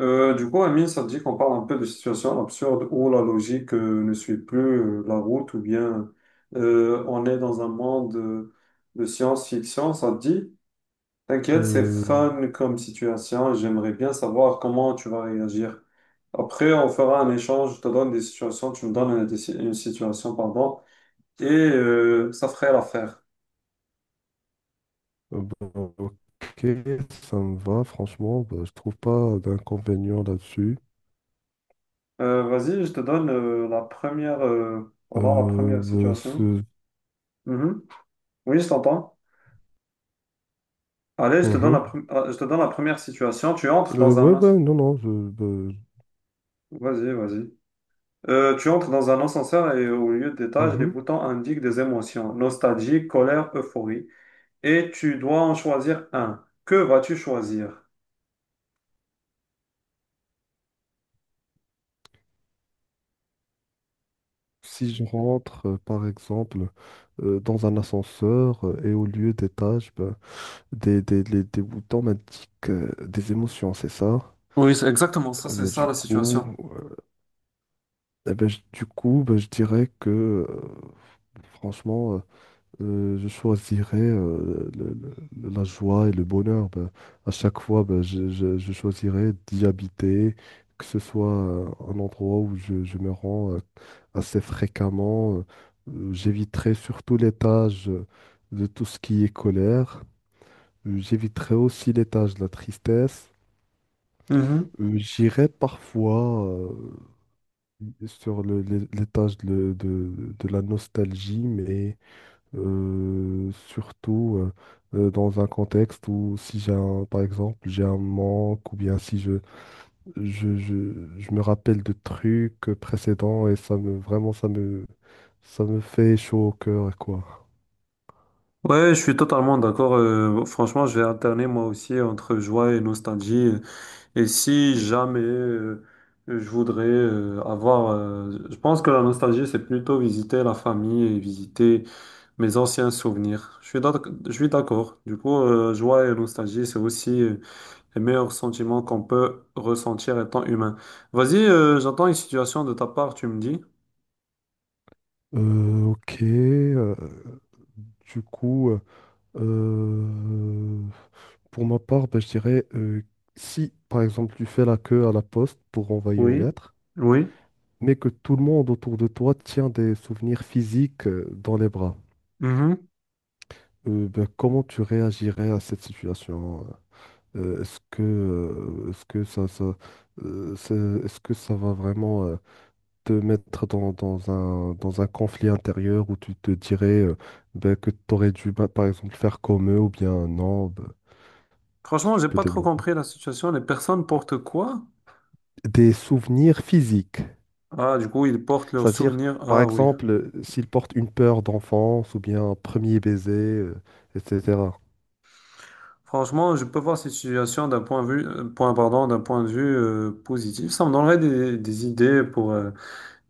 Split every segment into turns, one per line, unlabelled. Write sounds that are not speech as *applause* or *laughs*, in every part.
Amine, ça te dit qu'on parle un peu de situations absurdes où la logique ne suit plus la route ou bien on est dans un monde de science-fiction, ça te dit? T'inquiète, c'est
Euh,
fun comme situation et j'aimerais bien savoir comment tu vas réagir. Après, on fera un échange, je te donne des situations, tu me donnes une situation, pardon, et ça ferait l'affaire.
Bah, ok, ça me va, franchement, bah, je trouve pas d'inconvénient là-dessus.
Vas-y, je te donne la première, voilà, la première
Bah,
situation. Mhm. Oui, je t'entends. Allez, je te donne
mhm.
je te donne la première situation. Tu entres dans
Ouais,
un...
ouais,
as-
non, non, bah,
Vas-y, vas-y. Tu entres dans un ascenseur et au lieu d'étage, les
mhm.
boutons indiquent des émotions, nostalgie, colère, euphorie. Et tu dois en choisir un. Que vas-tu choisir?
Si je rentre, par exemple, dans un ascenseur et au lieu d'étage, bah, des boutons m'indiquent des émotions, c'est ça?
Oui, c'est exactement ça,
Eh
c'est
ben,
ça
du
la
coup,
situation.
euh, bah, je dirais que, euh, franchement, je choisirais la joie et le bonheur. Ben. À chaque fois, ben, je choisirais d'y habiter, que ce soit un endroit où je me rends assez fréquemment. J'éviterais surtout l'étage de tout ce qui est colère. J'éviterais aussi l'étage de la tristesse.
Mhm.
J'irais parfois sur l'étage de la nostalgie, mais surtout, dans un contexte où si j'ai un, par exemple, j'ai un manque ou bien si je me rappelle de trucs précédents et ça me vraiment ça me fait chaud au cœur quoi.
Ouais, je suis totalement d'accord. Franchement, je vais alterner moi aussi entre joie et nostalgie. Et si jamais je voudrais je pense que la nostalgie, c'est plutôt visiter la famille et visiter mes anciens souvenirs. Je suis d'accord. Du coup, joie et nostalgie, c'est aussi les meilleurs sentiments qu'on peut ressentir étant humain. Vas-y, j'attends une situation de ta part, tu me dis.
Ok, du coup, euh, pour ma part, ben, je dirais si par exemple tu fais la queue à la poste pour envoyer une
Oui,
lettre,
oui.
mais que tout le monde autour de toi tient des souvenirs physiques dans les bras.
Mhm.
Ben, comment tu réagirais à cette situation? Est-ce que euh, c'est- est-ce que ça va vraiment te mettre dans un conflit intérieur où tu te dirais ben, que tu aurais dû, ben, par exemple, faire comme eux ou bien non, ben, si
Franchement,
tu
j'ai
peux
pas trop
développer.
compris la situation. Les personnes portent quoi?
Des souvenirs physiques.
Ah, du coup, ils portent leurs
C'est-à-dire,
souvenirs.
par
Ah oui.
exemple, s'il porte une peur d'enfance ou bien un premier baiser, etc.
Franchement, je peux voir cette situation d'un point de vue, pardon, d'un point de vue positif. Ça me donnerait des idées pour,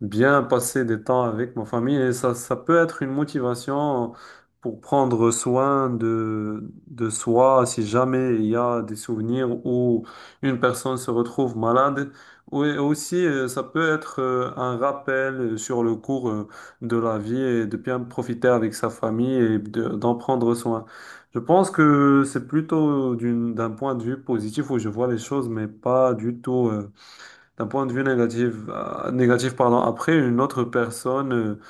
bien passer des temps avec ma famille et ça peut être une motivation pour prendre soin de soi si jamais il y a des souvenirs où une personne se retrouve malade. Ou et aussi, ça peut être un rappel sur le cours de la vie et de bien profiter avec sa famille et d'en prendre soin. Je pense que c'est plutôt d'un point de vue positif où je vois les choses, mais pas du tout d'un point de vue négatif, pardon, après, une autre personne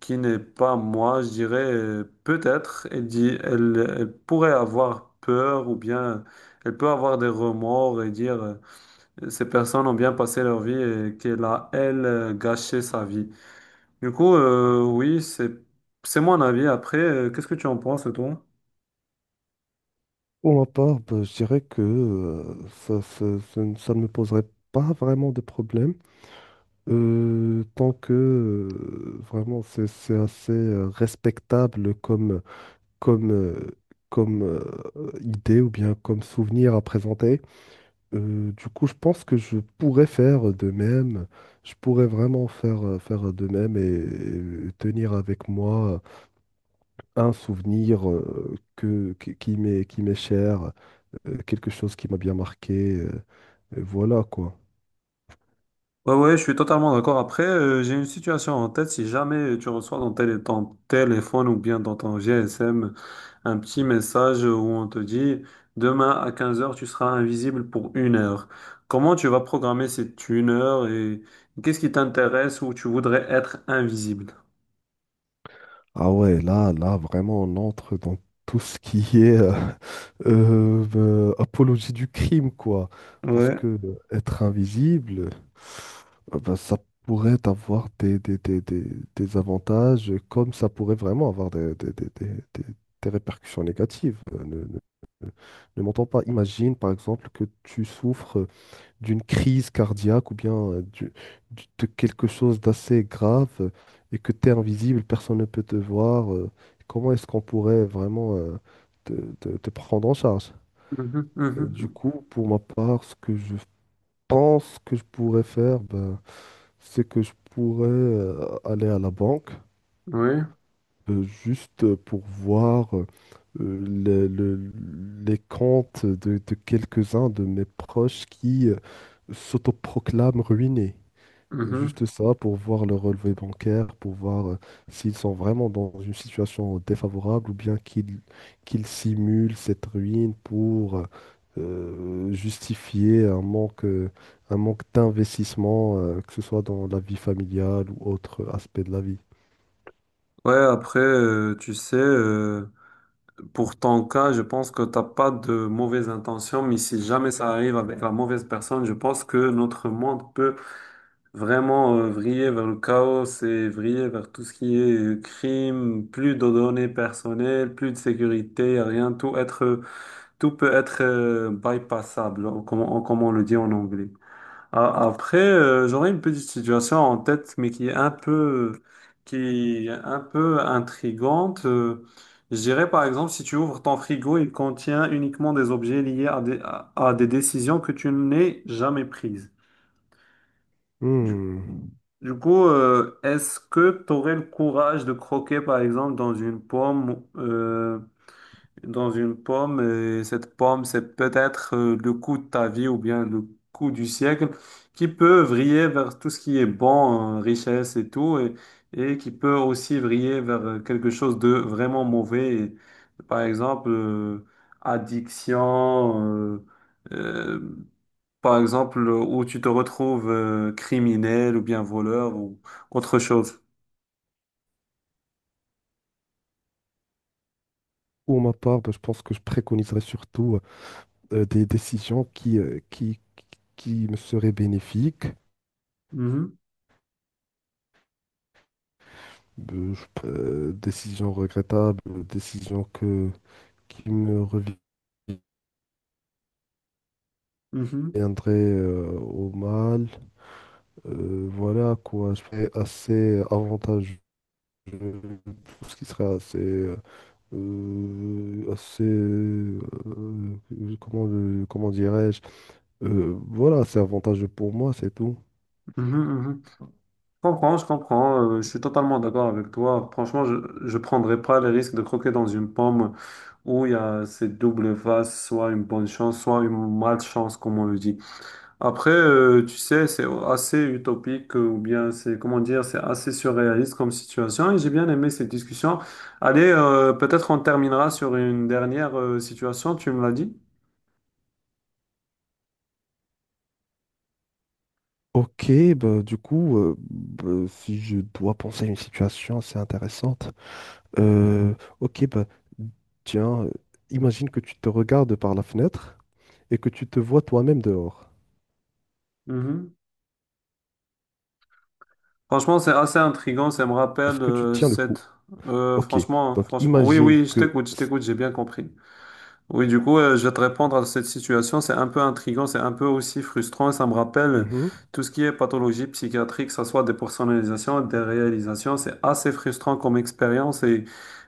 qui n'est pas moi, je dirais, peut-être, elle pourrait avoir peur ou bien elle peut avoir des remords et dire, ces personnes ont bien passé leur vie et qu'elle a, elle, gâché sa vie. Du coup, oui, c'est mon avis. Après, qu'est-ce que tu en penses, toi?
Pour ma part, bah, je dirais que ça ne me poserait pas vraiment de problème, tant que vraiment c'est assez respectable comme, comme, comme idée ou bien comme souvenir à présenter. Du coup, je pense que je pourrais faire de même. Je pourrais vraiment faire de même et tenir avec moi un souvenir qui m'est cher, quelque chose qui m'a bien marqué. Et voilà quoi.
Ouais, ouais, je suis totalement d'accord. Après, j'ai une situation en tête. Si jamais tu reçois dans tel et ton téléphone ou bien dans ton GSM, un petit message où on te dit demain à 15 heures tu seras invisible pour 1 heure. Comment tu vas programmer cette 1 heure et qu'est-ce qui t'intéresse où tu voudrais être invisible?
Ah ouais, là, là, vraiment, on entre dans tout ce qui est *laughs* apologie du crime, quoi. Parce que
Ouais.
être invisible, bah, ça pourrait avoir des avantages, comme ça pourrait vraiment avoir des- des répercussions négatives. Ne Ne m'entends pas. Imagine, par exemple, que tu souffres d'une crise cardiaque ou bien de quelque chose d'assez grave et que tu es invisible, personne ne peut te voir, comment est-ce qu'on pourrait vraiment te, te prendre en charge?
Mhm,
Du
mhm,
coup, pour ma part, ce que je pense que je pourrais faire, ben, c'est que je pourrais aller à la banque
oui.
juste pour voir le- le- les comptes de quelques-uns de mes proches qui s'autoproclament ruinés.
Mhm.
Juste ça pour voir le relevé bancaire, pour voir s'ils sont vraiment dans une situation défavorable ou bien qu'ils simulent cette ruine pour justifier un manque d'investissement, que ce soit dans la vie familiale ou autre aspect de la vie.
Ouais, après, pour ton cas, je pense que t'as pas de mauvaises intentions, mais si jamais ça arrive avec la mauvaise personne, je pense que notre monde peut vraiment vriller vers le chaos et vriller vers tout ce qui est crime, plus de données personnelles, plus de sécurité, rien, tout peut être bypassable, comme on le dit en anglais. Après, j'aurais une petite situation en tête, mais qui est un peu intrigante. Je dirais par exemple, si tu ouvres ton frigo, il contient uniquement des objets liés à à des décisions que tu n'es jamais prises.
Hmm.
Du coup, est-ce que tu aurais le courage de croquer, par exemple, dans une pomme, et cette pomme, c'est peut-être le coup de ta vie ou bien le coup du siècle, qui peut vriller vers tout ce qui est bon, richesse et tout, et qui peut aussi vriller vers quelque chose de vraiment mauvais, et, par exemple, addiction, euh, par exemple, où tu te retrouves criminel ou bien voleur ou autre chose.
Pour ma part, bah, je pense que je préconiserais surtout des décisions qui me seraient bénéfiques.
Mhm,
Décisions regrettables, décisions que qui me
mhm,
reviendrait au mal. Voilà quoi, je serais assez avantageux. Je- Tout ce qui serait assez. Euh, assez. euh, comment dirais-je? Voilà, c'est avantageux pour moi, c'est tout.
mhm, mhm. Je comprends, je comprends, je suis totalement d'accord avec toi. Franchement, je ne prendrais pas le risque de croquer dans une pomme où il y a cette double face, soit une bonne chance, soit une malchance, comme on le dit. Après, tu sais, c'est assez utopique ou bien c'est, comment dire, c'est assez surréaliste comme situation et j'ai bien aimé cette discussion. Allez, peut-être on terminera sur une dernière situation, tu me l'as dit?
Ok, bah, du coup, bah, si je dois penser à une situation assez intéressante, euh, ok, bah, tiens, imagine que tu te regardes par la fenêtre et que tu te vois toi-même dehors.
Mhm. Franchement, c'est assez intriguant, ça me
Est-ce
rappelle
que tu tiens le coup?
cette...
Ok.
franchement, hein,
Donc,
franchement, oui,
imagine
oui,
que.
je t'écoute, j'ai bien compris. Oui, du coup, je vais te répondre à cette situation. C'est un peu intriguant, c'est un peu aussi frustrant. Ça me rappelle
Mhm,
tout ce qui est pathologie psychiatrique, que ce soit des personnalisations, des réalisations. C'est assez frustrant comme expérience.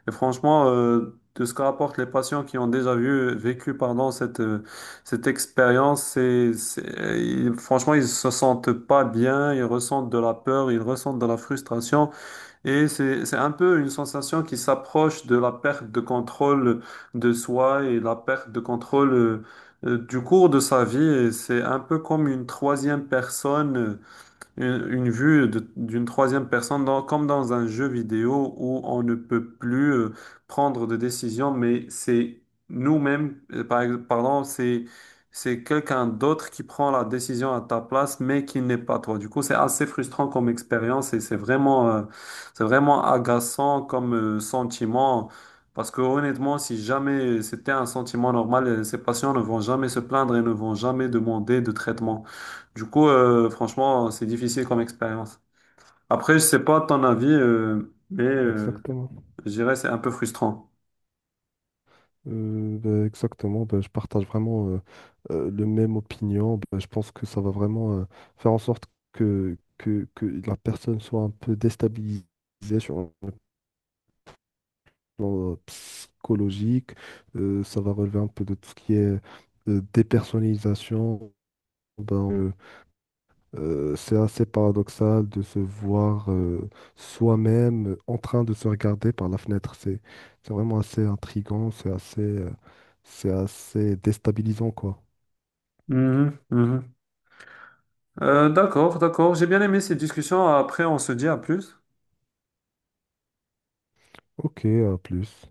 Et franchement, de ce que rapportent les patients qui ont déjà vécu, pardon, cette expérience, franchement, ils se sentent pas bien, ils ressentent de la peur, ils ressentent de la frustration. Et c'est un peu une sensation qui s'approche de la perte de contrôle de soi et la perte de contrôle du cours de sa vie. Et c'est un peu comme une troisième personne une vue d'une troisième personne, comme dans un jeu vidéo où on ne peut plus prendre de décision, mais c'est nous-mêmes, pardon, c'est quelqu'un d'autre qui prend la décision à ta place, mais qui n'est pas toi. Du coup, c'est assez frustrant comme expérience et c'est vraiment agaçant comme sentiment. Parce que honnêtement, si jamais c'était un sentiment normal, ces patients ne vont jamais se plaindre et ne vont jamais demander de traitement. Du coup, franchement, c'est difficile comme expérience. Après, je sais pas ton avis,
exactement.
je dirais c'est un peu frustrant.
Bah, exactement. Bah, je partage vraiment le même opinion. Bah, je pense que ça va vraiment faire en sorte que la personne soit un peu déstabilisée sur un plan psychologique. Ça va relever un peu de tout ce qui est dépersonnalisation. Ben, c'est assez paradoxal de se voir soi-même en train de se regarder par la fenêtre. C'est vraiment assez intriguant, c'est assez déstabilisant, quoi.
Mhm, mhm. D'accord, d'accord. J'ai bien aimé cette discussion. Après, on se dit à plus.
Ok, à plus.